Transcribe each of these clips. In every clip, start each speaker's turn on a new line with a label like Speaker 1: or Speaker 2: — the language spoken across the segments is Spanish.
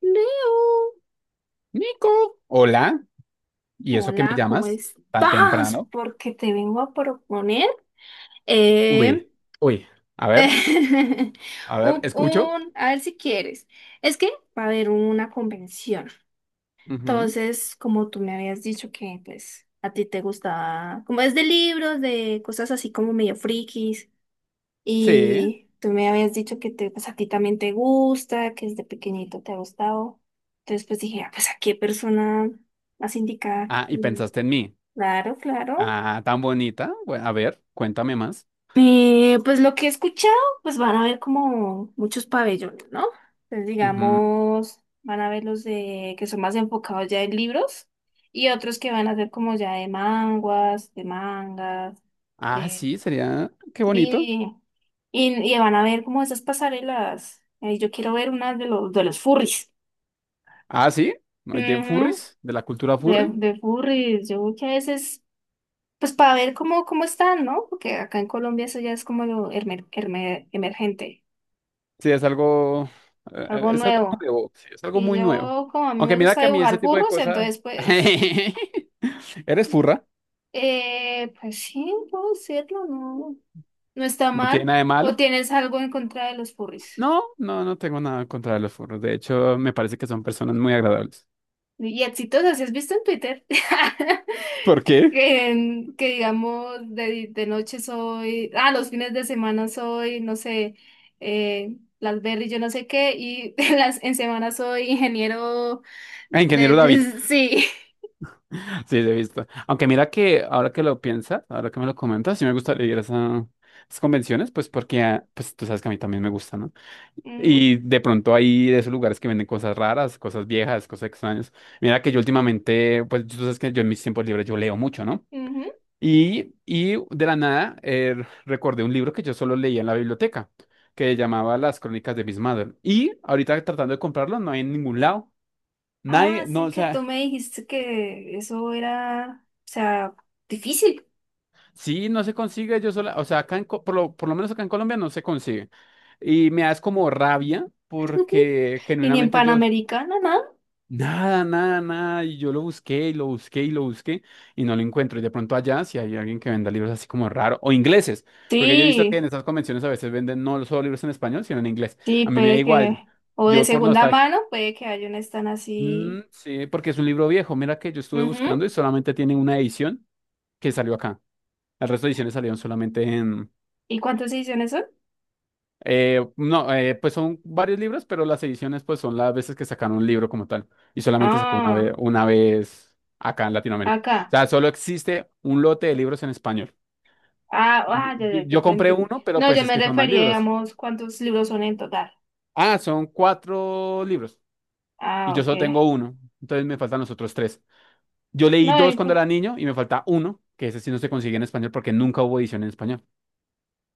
Speaker 1: Leo,
Speaker 2: Nico, hola. ¿Y eso que me
Speaker 1: hola, ¿cómo
Speaker 2: llamas tan
Speaker 1: estás?
Speaker 2: temprano?
Speaker 1: Porque te vengo a proponer eh,
Speaker 2: Uy, uy, a ver, a ver, escucho.
Speaker 1: a ver si quieres. Es que va a haber una convención.
Speaker 2: Ujú.
Speaker 1: Entonces, como tú me habías dicho que pues a ti te gustaba, como es de libros, de cosas así como medio frikis,
Speaker 2: Sí.
Speaker 1: y tú me habías dicho que te, pues a ti también te gusta, que desde pequeñito te ha gustado. Entonces, pues dije, ah, pues a qué persona más indicada.
Speaker 2: Ah, y pensaste en mí.
Speaker 1: Claro, claro.
Speaker 2: Ah, tan bonita. Bueno, a ver, cuéntame más.
Speaker 1: Pues lo que he escuchado, pues van a haber como muchos pabellones, ¿no? Entonces,
Speaker 2: Ujú.
Speaker 1: digamos, van a ver los de que son más enfocados ya en libros y otros que van a ser como ya de manguas, de mangas,
Speaker 2: Ah,
Speaker 1: de...
Speaker 2: sí, sería. Qué bonito.
Speaker 1: Sí, y van a ver como esas pasarelas. Yo quiero ver una de los furries.
Speaker 2: Ah, sí. ¿No? Hay de
Speaker 1: Ujú.
Speaker 2: furries, de la cultura
Speaker 1: De,
Speaker 2: furry.
Speaker 1: de furries. Yo que a veces... Pues para ver cómo, cómo están, ¿no? Porque acá en Colombia eso ya es como lo emergente,
Speaker 2: Sí, es algo.
Speaker 1: algo
Speaker 2: Es algo
Speaker 1: nuevo.
Speaker 2: nuevo. Sí, es algo
Speaker 1: Y
Speaker 2: muy nuevo.
Speaker 1: yo, como a mí
Speaker 2: Aunque
Speaker 1: me
Speaker 2: mira
Speaker 1: gusta
Speaker 2: que a mí ese
Speaker 1: dibujar
Speaker 2: tipo de
Speaker 1: furros,
Speaker 2: cosas.
Speaker 1: entonces pues,
Speaker 2: Eres furra.
Speaker 1: pues sí, puedo decirlo, no, no está
Speaker 2: No tiene
Speaker 1: mal.
Speaker 2: nada de
Speaker 1: ¿O
Speaker 2: malo.
Speaker 1: tienes algo en contra de los furries?
Speaker 2: No, no, no tengo nada contra los furros. De hecho, me parece que son personas muy agradables.
Speaker 1: Y exitosas, ¿sí has visto en Twitter?
Speaker 2: ¿Por qué?
Speaker 1: Que digamos, de noche soy, ah, los fines de semana soy, no sé, las berries, yo no sé qué, y en las, en semana soy ingeniero
Speaker 2: Ah, ingeniero David.
Speaker 1: de, sí.
Speaker 2: Sí, lo he visto. Aunque mira que ahora que lo piensas, ahora que me lo comentas, sí me gustaría ir a esas convenciones, pues porque, ah, pues tú sabes que a mí también me gusta, ¿no?
Speaker 1: Ujú,
Speaker 2: Y de pronto hay de esos lugares que venden cosas raras, cosas viejas, cosas extrañas. Mira que yo últimamente, pues tú sabes que yo en mis tiempos libres yo leo mucho, ¿no?
Speaker 1: ujú.
Speaker 2: Y de la nada recordé un libro que yo solo leía en la biblioteca, que llamaba Las Crónicas de Miss Mother. Y ahorita tratando de comprarlo, no hay en ningún lado.
Speaker 1: Ah,
Speaker 2: Nadie, no,
Speaker 1: sí,
Speaker 2: o
Speaker 1: que tú
Speaker 2: sea,
Speaker 1: me dijiste que eso era, o sea, difícil.
Speaker 2: sí, no se consigue yo sola, o sea, acá en, por lo menos acá en Colombia no se consigue. Y me das como rabia porque
Speaker 1: Y ni en
Speaker 2: genuinamente yo.
Speaker 1: Panamericana, nada.
Speaker 2: Nada, nada, nada. Y yo lo busqué y lo busqué y lo busqué y no lo encuentro. Y de pronto allá, si hay alguien que venda libros así como raro, o ingleses, porque yo he visto que
Speaker 1: Sí,
Speaker 2: en estas convenciones a veces venden no solo libros en español, sino en inglés.
Speaker 1: sí,
Speaker 2: A mí me da
Speaker 1: puede que,
Speaker 2: igual.
Speaker 1: o de
Speaker 2: Yo por
Speaker 1: segunda
Speaker 2: nostalgia.
Speaker 1: mano, puede que haya una están
Speaker 2: Mm,
Speaker 1: así.
Speaker 2: sí, porque es un libro viejo. Mira que yo estuve
Speaker 1: Ujú.
Speaker 2: buscando y solamente tiene una edición que salió acá. El resto de ediciones salieron solamente en...
Speaker 1: ¿Y cuántas ediciones son?
Speaker 2: No, pues son varios libros, pero las ediciones pues son las veces que sacaron un libro como tal y solamente sacó
Speaker 1: Ah,
Speaker 2: una vez acá en Latinoamérica. O
Speaker 1: acá.
Speaker 2: sea, solo existe un lote de libros en español.
Speaker 1: Ah,
Speaker 2: Y-
Speaker 1: ah, ya, ya,
Speaker 2: Yo,
Speaker 1: ya
Speaker 2: yo
Speaker 1: te
Speaker 2: compré
Speaker 1: entendí.
Speaker 2: uno, pero
Speaker 1: No, yo
Speaker 2: pues es
Speaker 1: me
Speaker 2: que son más
Speaker 1: refería,
Speaker 2: libros.
Speaker 1: digamos, cuántos libros son en total.
Speaker 2: Ah, son cuatro libros y
Speaker 1: Ah,
Speaker 2: yo
Speaker 1: ok.
Speaker 2: solo tengo uno, entonces me faltan los otros tres. Yo leí
Speaker 1: No,
Speaker 2: dos cuando era niño y me falta uno, que ese sí no se consigue en español porque nunca hubo edición en español.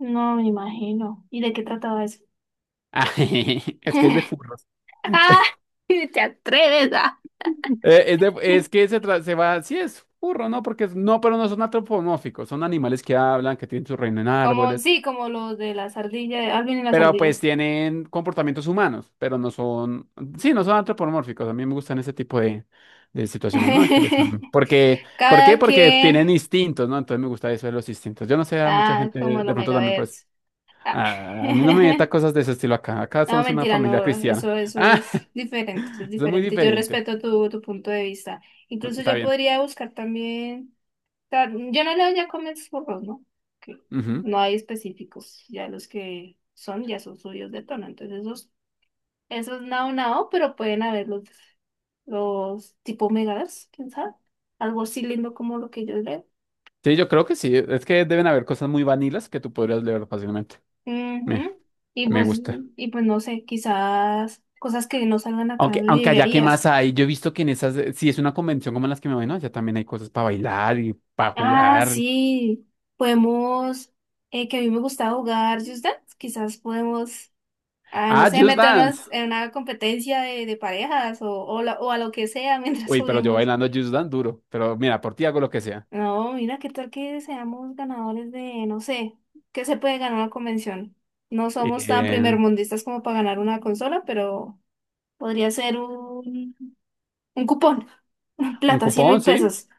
Speaker 1: no me imagino. ¿Y de qué trataba eso?
Speaker 2: Ah, es que es de furros.
Speaker 1: Ah, te atreves ah.
Speaker 2: Es, es que se, se va, sí es burro, ¿no? Porque no, pero no son antropomórficos, son animales que hablan, que tienen su reino en
Speaker 1: Como,
Speaker 2: árboles,
Speaker 1: sí, como los de las ardillas, Alvin y las
Speaker 2: pero
Speaker 1: ardillas.
Speaker 2: pues tienen comportamientos humanos, pero no son, sí, no son antropomórficos. A mí me gustan ese tipo de, situaciones, ¿no? Que porque, ¿por qué?
Speaker 1: Cada
Speaker 2: Porque
Speaker 1: quien.
Speaker 2: tienen instintos, ¿no? Entonces me gusta eso de los instintos. Yo no sé, a mucha
Speaker 1: Ah,
Speaker 2: gente
Speaker 1: como el
Speaker 2: de pronto también pues,
Speaker 1: Omegaverse. Ah.
Speaker 2: "Ah, a mí no me meta cosas de ese estilo acá. Acá
Speaker 1: No,
Speaker 2: somos una
Speaker 1: mentira,
Speaker 2: familia
Speaker 1: no,
Speaker 2: cristiana".
Speaker 1: eso es diferente, eso es
Speaker 2: Ah, eso es muy
Speaker 1: diferente. Yo
Speaker 2: diferente.
Speaker 1: respeto tu, tu punto de vista. Incluso
Speaker 2: Está
Speaker 1: yo
Speaker 2: bien.
Speaker 1: podría buscar también, yo no leo ya cómics burros, ¿no? Que
Speaker 2: Ujú.
Speaker 1: no hay específicos, ya los que son, ya son suyos de tono. Entonces esos, esos nao nao, pero pueden haber los tipo megas, quién sabe, algo así lindo como lo que yo leo.
Speaker 2: Sí, yo creo que sí. Es que deben haber cosas muy vanilas que tú podrías leer fácilmente. Me,
Speaker 1: Ujú. Y
Speaker 2: me
Speaker 1: pues,
Speaker 2: gusta.
Speaker 1: y pues no sé, quizás cosas que no salgan acá en
Speaker 2: Aunque allá qué
Speaker 1: librerías.
Speaker 2: más hay, yo he visto que en esas, si es una convención como las que me voy, no, allá también hay cosas para bailar y para
Speaker 1: Ah,
Speaker 2: jugar.
Speaker 1: sí, podemos, que a mí me gusta jugar Just Dance, quizás podemos, ah, no
Speaker 2: Ah,
Speaker 1: sé,
Speaker 2: Just Dance.
Speaker 1: meternos en una competencia de parejas o, o a lo que sea mientras
Speaker 2: Uy, pero yo
Speaker 1: juguemos.
Speaker 2: bailando Just Dance duro. Pero mira, por ti hago lo que sea.
Speaker 1: No, mira, qué tal que seamos ganadores de, no sé, qué se puede ganar una convención. No somos tan
Speaker 2: Eh,
Speaker 1: primermundistas como para ganar una consola, pero podría ser un cupón,
Speaker 2: un
Speaker 1: plata, cien
Speaker 2: cupón,
Speaker 1: mil
Speaker 2: sí.
Speaker 1: pesos,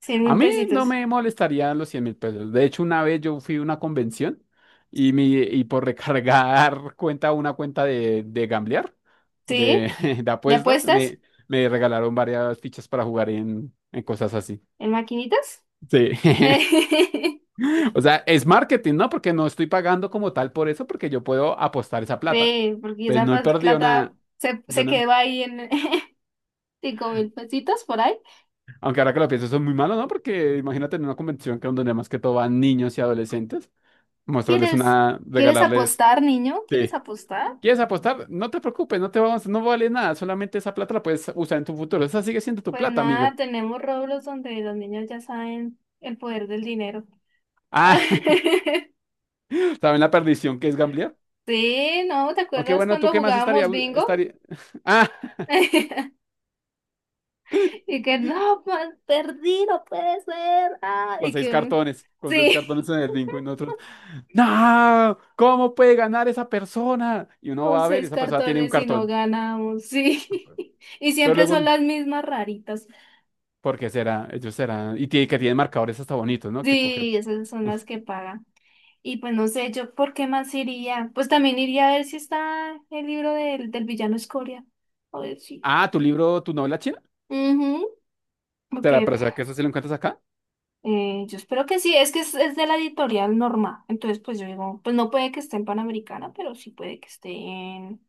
Speaker 1: cien
Speaker 2: A
Speaker 1: mil
Speaker 2: mí no
Speaker 1: pesitos.
Speaker 2: me molestarían los 100.000 pesos. De hecho, una vez yo fui a una convención y, y por recargar cuenta, una cuenta de, gamblear,
Speaker 1: ¿Sí?
Speaker 2: de, de
Speaker 1: ¿De
Speaker 2: apuestas,
Speaker 1: apuestas?
Speaker 2: me regalaron varias fichas para jugar en cosas así.
Speaker 1: ¿En maquinitas?
Speaker 2: Sí. O sea, es marketing, ¿no? Porque no estoy pagando como tal por eso, porque yo puedo apostar esa plata.
Speaker 1: Sí, porque
Speaker 2: Entonces,
Speaker 1: esa
Speaker 2: no he perdido
Speaker 1: plata
Speaker 2: nada.
Speaker 1: se,
Speaker 2: Yo
Speaker 1: se
Speaker 2: no,
Speaker 1: quedó ahí en 5.000 pesitos por ahí.
Speaker 2: aunque ahora que lo pienso, eso es muy malo, ¿no? Porque imagínate en una convención que donde más que todo van niños y adolescentes. Mostrarles
Speaker 1: ¿Quieres,
Speaker 2: una,
Speaker 1: quieres
Speaker 2: regalarles.
Speaker 1: apostar, niño?
Speaker 2: Sí.
Speaker 1: ¿Quieres apostar?
Speaker 2: ¿Quieres apostar? No te preocupes, no te vamos, no vale nada, solamente esa plata la puedes usar en tu futuro. Esa sigue siendo tu
Speaker 1: Pues
Speaker 2: plata,
Speaker 1: nada,
Speaker 2: amigo.
Speaker 1: tenemos Roblox donde los niños ya saben el poder del dinero.
Speaker 2: Ah, ¿saben la perdición que es gamblear?
Speaker 1: Sí, ¿no? ¿Te
Speaker 2: Aunque
Speaker 1: acuerdas
Speaker 2: bueno, ¿tú
Speaker 1: cuando
Speaker 2: qué más estaría,
Speaker 1: jugábamos bingo?
Speaker 2: estaría? Ah,
Speaker 1: Y que no, pues, perdí, no puede ser. Ah, y que
Speaker 2: con seis
Speaker 1: sí.
Speaker 2: cartones en el bingo y nosotros. No, ¿cómo puede ganar esa persona? Y uno
Speaker 1: Con
Speaker 2: va a ver, y
Speaker 1: seis
Speaker 2: esa persona tiene un
Speaker 1: cartones y no
Speaker 2: cartón,
Speaker 1: ganamos, sí. Y
Speaker 2: pero
Speaker 1: siempre
Speaker 2: luego,
Speaker 1: son las mismas raritas.
Speaker 2: ¿por qué será? Ellos serán, y tiene, que tienen marcadores hasta bonitos, ¿no? Que coge.
Speaker 1: Sí, esas son las que pagan. Y pues no sé, yo por qué más iría. Pues también iría a ver si está el libro del, del villano Escoria. A ver si.
Speaker 2: Ah, tu libro, tu novela china.
Speaker 1: Ujú.
Speaker 2: Será,
Speaker 1: Porque
Speaker 2: pero ¿será que eso sí lo encuentras acá?
Speaker 1: yo espero que sí. Es que es de la editorial Norma. Entonces, pues yo digo, pues no puede que esté en Panamericana, pero sí puede que esté en.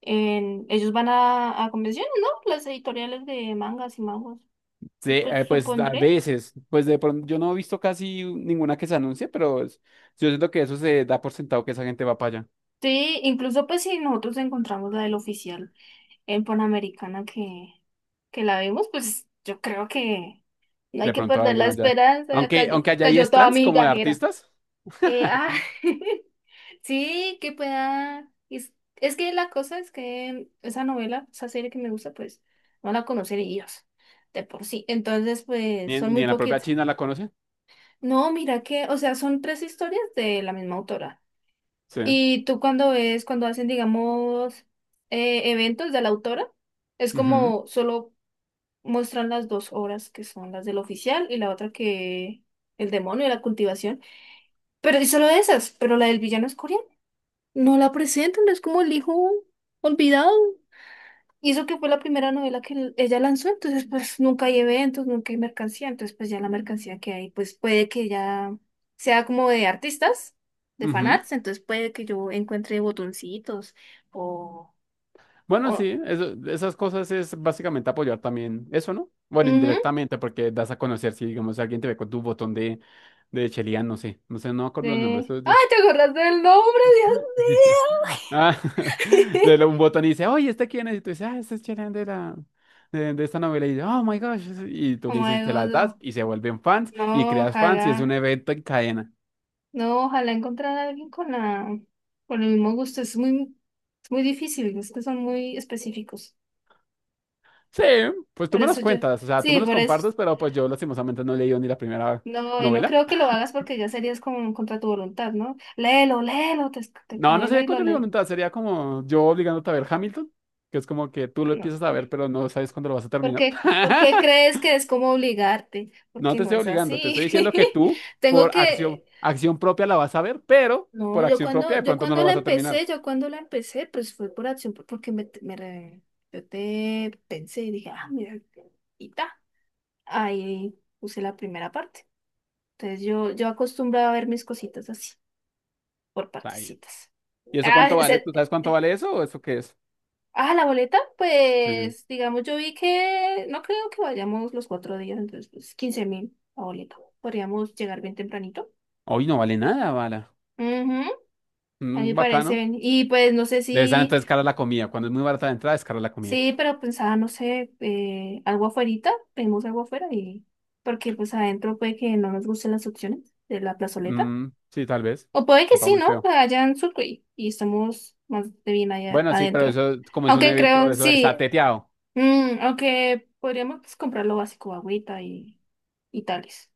Speaker 1: En... Ellos van a convenciones, ¿no? Las editoriales de mangas y manguas.
Speaker 2: Sí,
Speaker 1: Pues, pues
Speaker 2: pues a
Speaker 1: supondré.
Speaker 2: veces, pues de pronto yo no he visto casi ninguna que se anuncie, pero yo siento que eso se da por sentado que esa gente va para allá.
Speaker 1: Sí, incluso pues si nosotros encontramos la del oficial en Panamericana que la vimos, pues yo creo que no hay
Speaker 2: De
Speaker 1: que
Speaker 2: pronto
Speaker 1: perder la
Speaker 2: alguien allá.
Speaker 1: esperanza,
Speaker 2: Aunque,
Speaker 1: cayó,
Speaker 2: aunque allá hay
Speaker 1: cayó toda
Speaker 2: stands
Speaker 1: mi
Speaker 2: como de
Speaker 1: gajera.
Speaker 2: artistas,
Speaker 1: Eh, ah, sí, que pueda... es que la cosa es que esa novela, esa serie que me gusta, pues no la conocen ellos de por sí. Entonces,
Speaker 2: ni
Speaker 1: pues
Speaker 2: en,
Speaker 1: son
Speaker 2: ni
Speaker 1: muy
Speaker 2: en la propia
Speaker 1: poquitas.
Speaker 2: China la conocen.
Speaker 1: No, mira que, o sea, son tres historias de la misma autora.
Speaker 2: Sí.
Speaker 1: Y tú cuando ves, cuando hacen, digamos, eventos de la autora, es
Speaker 2: Ujú,
Speaker 1: como solo muestran las dos obras que son las del oficial y la otra que el demonio y la cultivación. Pero es solo esas, pero la del villano es coreana. No la presentan, es como el hijo olvidado. Y eso que fue la primera novela que ella lanzó, entonces pues nunca hay eventos, nunca hay mercancía, entonces pues ya la mercancía que hay, pues puede que ya sea como de artistas, de
Speaker 2: ujú.
Speaker 1: fanarts, entonces puede que yo encuentre botoncitos o...
Speaker 2: Bueno,
Speaker 1: o
Speaker 2: sí, esas cosas es básicamente apoyar también eso, ¿no? Bueno,
Speaker 1: ujú,
Speaker 2: indirectamente, porque das a conocer si, digamos, si alguien te ve con tu botón de Chelian, no sé, no sé, no me acuerdo los nombres.
Speaker 1: de... ¡Ay, te acordaste del nombre, Dios
Speaker 2: Ah,
Speaker 1: mío!
Speaker 2: Un botón y dice, oye, ¿este quién es? Y tú dices, ah, este es Chelian de la... De esta novela y dice, oh my gosh, y tú
Speaker 1: Oh
Speaker 2: le
Speaker 1: my
Speaker 2: dices, te
Speaker 1: God,
Speaker 2: las das
Speaker 1: no.
Speaker 2: y se vuelven fans y
Speaker 1: No,
Speaker 2: creas fans y es un
Speaker 1: ojalá,
Speaker 2: evento en cadena.
Speaker 1: no, ojalá encontrar a alguien con la, con el mismo gusto, es muy difícil, es que son muy específicos.
Speaker 2: Sí, pues tú
Speaker 1: Por
Speaker 2: me
Speaker 1: eso
Speaker 2: los
Speaker 1: yo,
Speaker 2: cuentas, o sea, tú
Speaker 1: sí,
Speaker 2: me los
Speaker 1: por eso.
Speaker 2: compartes, pero pues yo lastimosamente no he leído ni la primera
Speaker 1: No, y no
Speaker 2: novela.
Speaker 1: creo que lo hagas porque ya serías como contra tu voluntad, ¿no? Léelo, léelo, te
Speaker 2: No, no
Speaker 1: cadeno
Speaker 2: sería
Speaker 1: y lo
Speaker 2: contra mi
Speaker 1: lee.
Speaker 2: voluntad, sería como yo obligándote a ver Hamilton, que es como que tú lo
Speaker 1: No.
Speaker 2: empiezas a ver, pero no sabes cuándo lo vas a terminar.
Speaker 1: Por qué crees que es como obligarte?
Speaker 2: No
Speaker 1: Porque
Speaker 2: te
Speaker 1: no
Speaker 2: estoy
Speaker 1: es
Speaker 2: obligando, te
Speaker 1: así.
Speaker 2: estoy diciendo que tú,
Speaker 1: Tengo
Speaker 2: por acción,
Speaker 1: que,
Speaker 2: acción propia la vas a ver, pero
Speaker 1: no,
Speaker 2: por acción propia de pronto no lo vas a terminar.
Speaker 1: yo cuando la empecé, pues fue por acción, porque me yo te pensé y dije, ah, mira, y ta. Ahí puse la primera parte. Entonces yo acostumbraba a ver mis cositas así. Por
Speaker 2: Está bien.
Speaker 1: partecitas.
Speaker 2: ¿Y eso
Speaker 1: Ah,
Speaker 2: cuánto vale?
Speaker 1: se-
Speaker 2: ¿Tú sabes cuánto vale eso o eso qué es?
Speaker 1: ah, la boleta,
Speaker 2: Sí.
Speaker 1: pues digamos, yo vi que no creo que vayamos los cuatro días, entonces pues 15 mil la boleta. Podríamos llegar bien tempranito.
Speaker 2: Hoy no vale nada, bala.
Speaker 1: Ujú, a mí me
Speaker 2: Mm,
Speaker 1: parece
Speaker 2: bacano.
Speaker 1: bien. Y pues no sé
Speaker 2: Debe estar
Speaker 1: si,
Speaker 2: entonces cara la comida. Cuando es muy barata la entrada, es cara la comida.
Speaker 1: sí, pero pensaba, no sé, algo afuerita, pedimos algo afuera y porque pues adentro puede que no nos gusten las opciones de la plazoleta.
Speaker 2: Mm, sí, tal vez.
Speaker 1: O puede que
Speaker 2: Sepa
Speaker 1: sí,
Speaker 2: muy
Speaker 1: ¿no?
Speaker 2: feo.
Speaker 1: Allá en Sucre y estamos más de bien allá
Speaker 2: Bueno, sí, pero
Speaker 1: adentro.
Speaker 2: eso, como es un
Speaker 1: Aunque
Speaker 2: evento,
Speaker 1: creo,
Speaker 2: eso está
Speaker 1: sí.
Speaker 2: teteado.
Speaker 1: Mm, aunque podríamos pues, comprar lo básico, agüita y tales,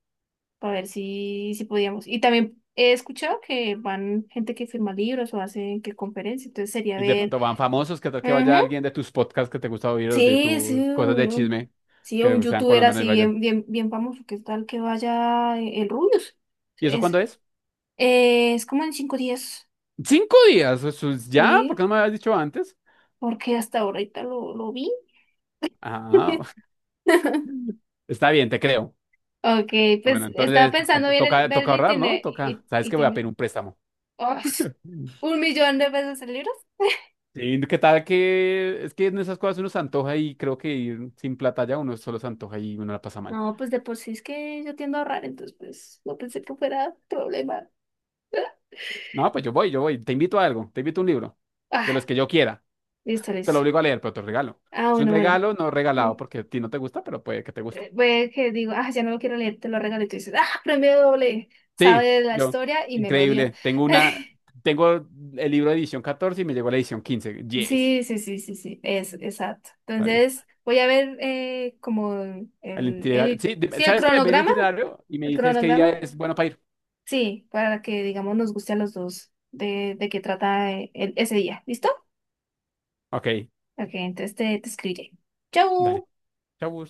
Speaker 1: para ver si, si podíamos. Y también he escuchado que van gente que firma libros o hace que conferencia, entonces sería
Speaker 2: Y de
Speaker 1: ver.
Speaker 2: pronto van famosos, que tal que vaya
Speaker 1: Ujú.
Speaker 2: alguien de tus podcasts que te gusta oír o de
Speaker 1: Sí, sí,
Speaker 2: tus cosas de chisme,
Speaker 1: sí, un
Speaker 2: que sean
Speaker 1: youtuber
Speaker 2: colombianos y
Speaker 1: así
Speaker 2: vayan.
Speaker 1: bien, bien, bien famoso, que tal que vaya el Rubius.
Speaker 2: ¿Y eso
Speaker 1: Es,
Speaker 2: cuándo es?
Speaker 1: es como en 5 días,
Speaker 2: 5 días, eso es ya, ¿por
Speaker 1: sí,
Speaker 2: qué no me habías dicho antes?
Speaker 1: porque hasta ahorita lo vi.
Speaker 2: Ah, está bien, te creo.
Speaker 1: Ok,
Speaker 2: Bueno,
Speaker 1: pues estaba
Speaker 2: entonces
Speaker 1: pensando
Speaker 2: toca,
Speaker 1: ver
Speaker 2: toca
Speaker 1: el
Speaker 2: ahorrar, ¿no? Toca, sabes que voy a
Speaker 1: itine-
Speaker 2: pedir un préstamo.
Speaker 1: ¡Ush! 1.000.000 de pesos en libros.
Speaker 2: Sí, ¿qué tal que es que en esas cosas uno se antoja y creo que ir sin plata ya uno solo se antoja y uno la pasa mal.
Speaker 1: No, pues de por sí es que yo tiendo a ahorrar, entonces pues no pensé que fuera problema.
Speaker 2: No, pues yo voy, te invito a algo, te invito a un libro, de
Speaker 1: Ah,
Speaker 2: los que yo quiera.
Speaker 1: listo,
Speaker 2: Te lo
Speaker 1: listo.
Speaker 2: obligo a leer, pero te lo regalo.
Speaker 1: Ah,
Speaker 2: Es un
Speaker 1: bueno, bueno.
Speaker 2: regalo no
Speaker 1: Mm.
Speaker 2: regalado porque a ti no te gusta, pero puede que te guste.
Speaker 1: Fue que digo, ah, ya no lo quiero leer, te lo regalé. Y tú dices, ah, premio doble,
Speaker 2: Sí,
Speaker 1: sabe la
Speaker 2: yo.
Speaker 1: historia y me lo dio.
Speaker 2: Increíble. Tengo una, tengo el libro de edición 14 y me llegó la edición 15. Yes.
Speaker 1: Sí, sí, sí, sí, sí, es exacto.
Speaker 2: Está bien.
Speaker 1: Entonces voy a ver como
Speaker 2: El itinerario.
Speaker 1: el,
Speaker 2: Sí, dime,
Speaker 1: sí, el
Speaker 2: ¿sabes qué? Ve el
Speaker 1: cronograma,
Speaker 2: itinerario y me
Speaker 1: el
Speaker 2: dices qué día
Speaker 1: cronograma.
Speaker 2: es bueno para ir.
Speaker 1: Sí, para que, digamos, nos guste a los dos de qué trata ese día. ¿Listo?
Speaker 2: Ok,
Speaker 1: Ok, entonces te escribiré.
Speaker 2: dale.
Speaker 1: ¡Chau!
Speaker 2: Chau.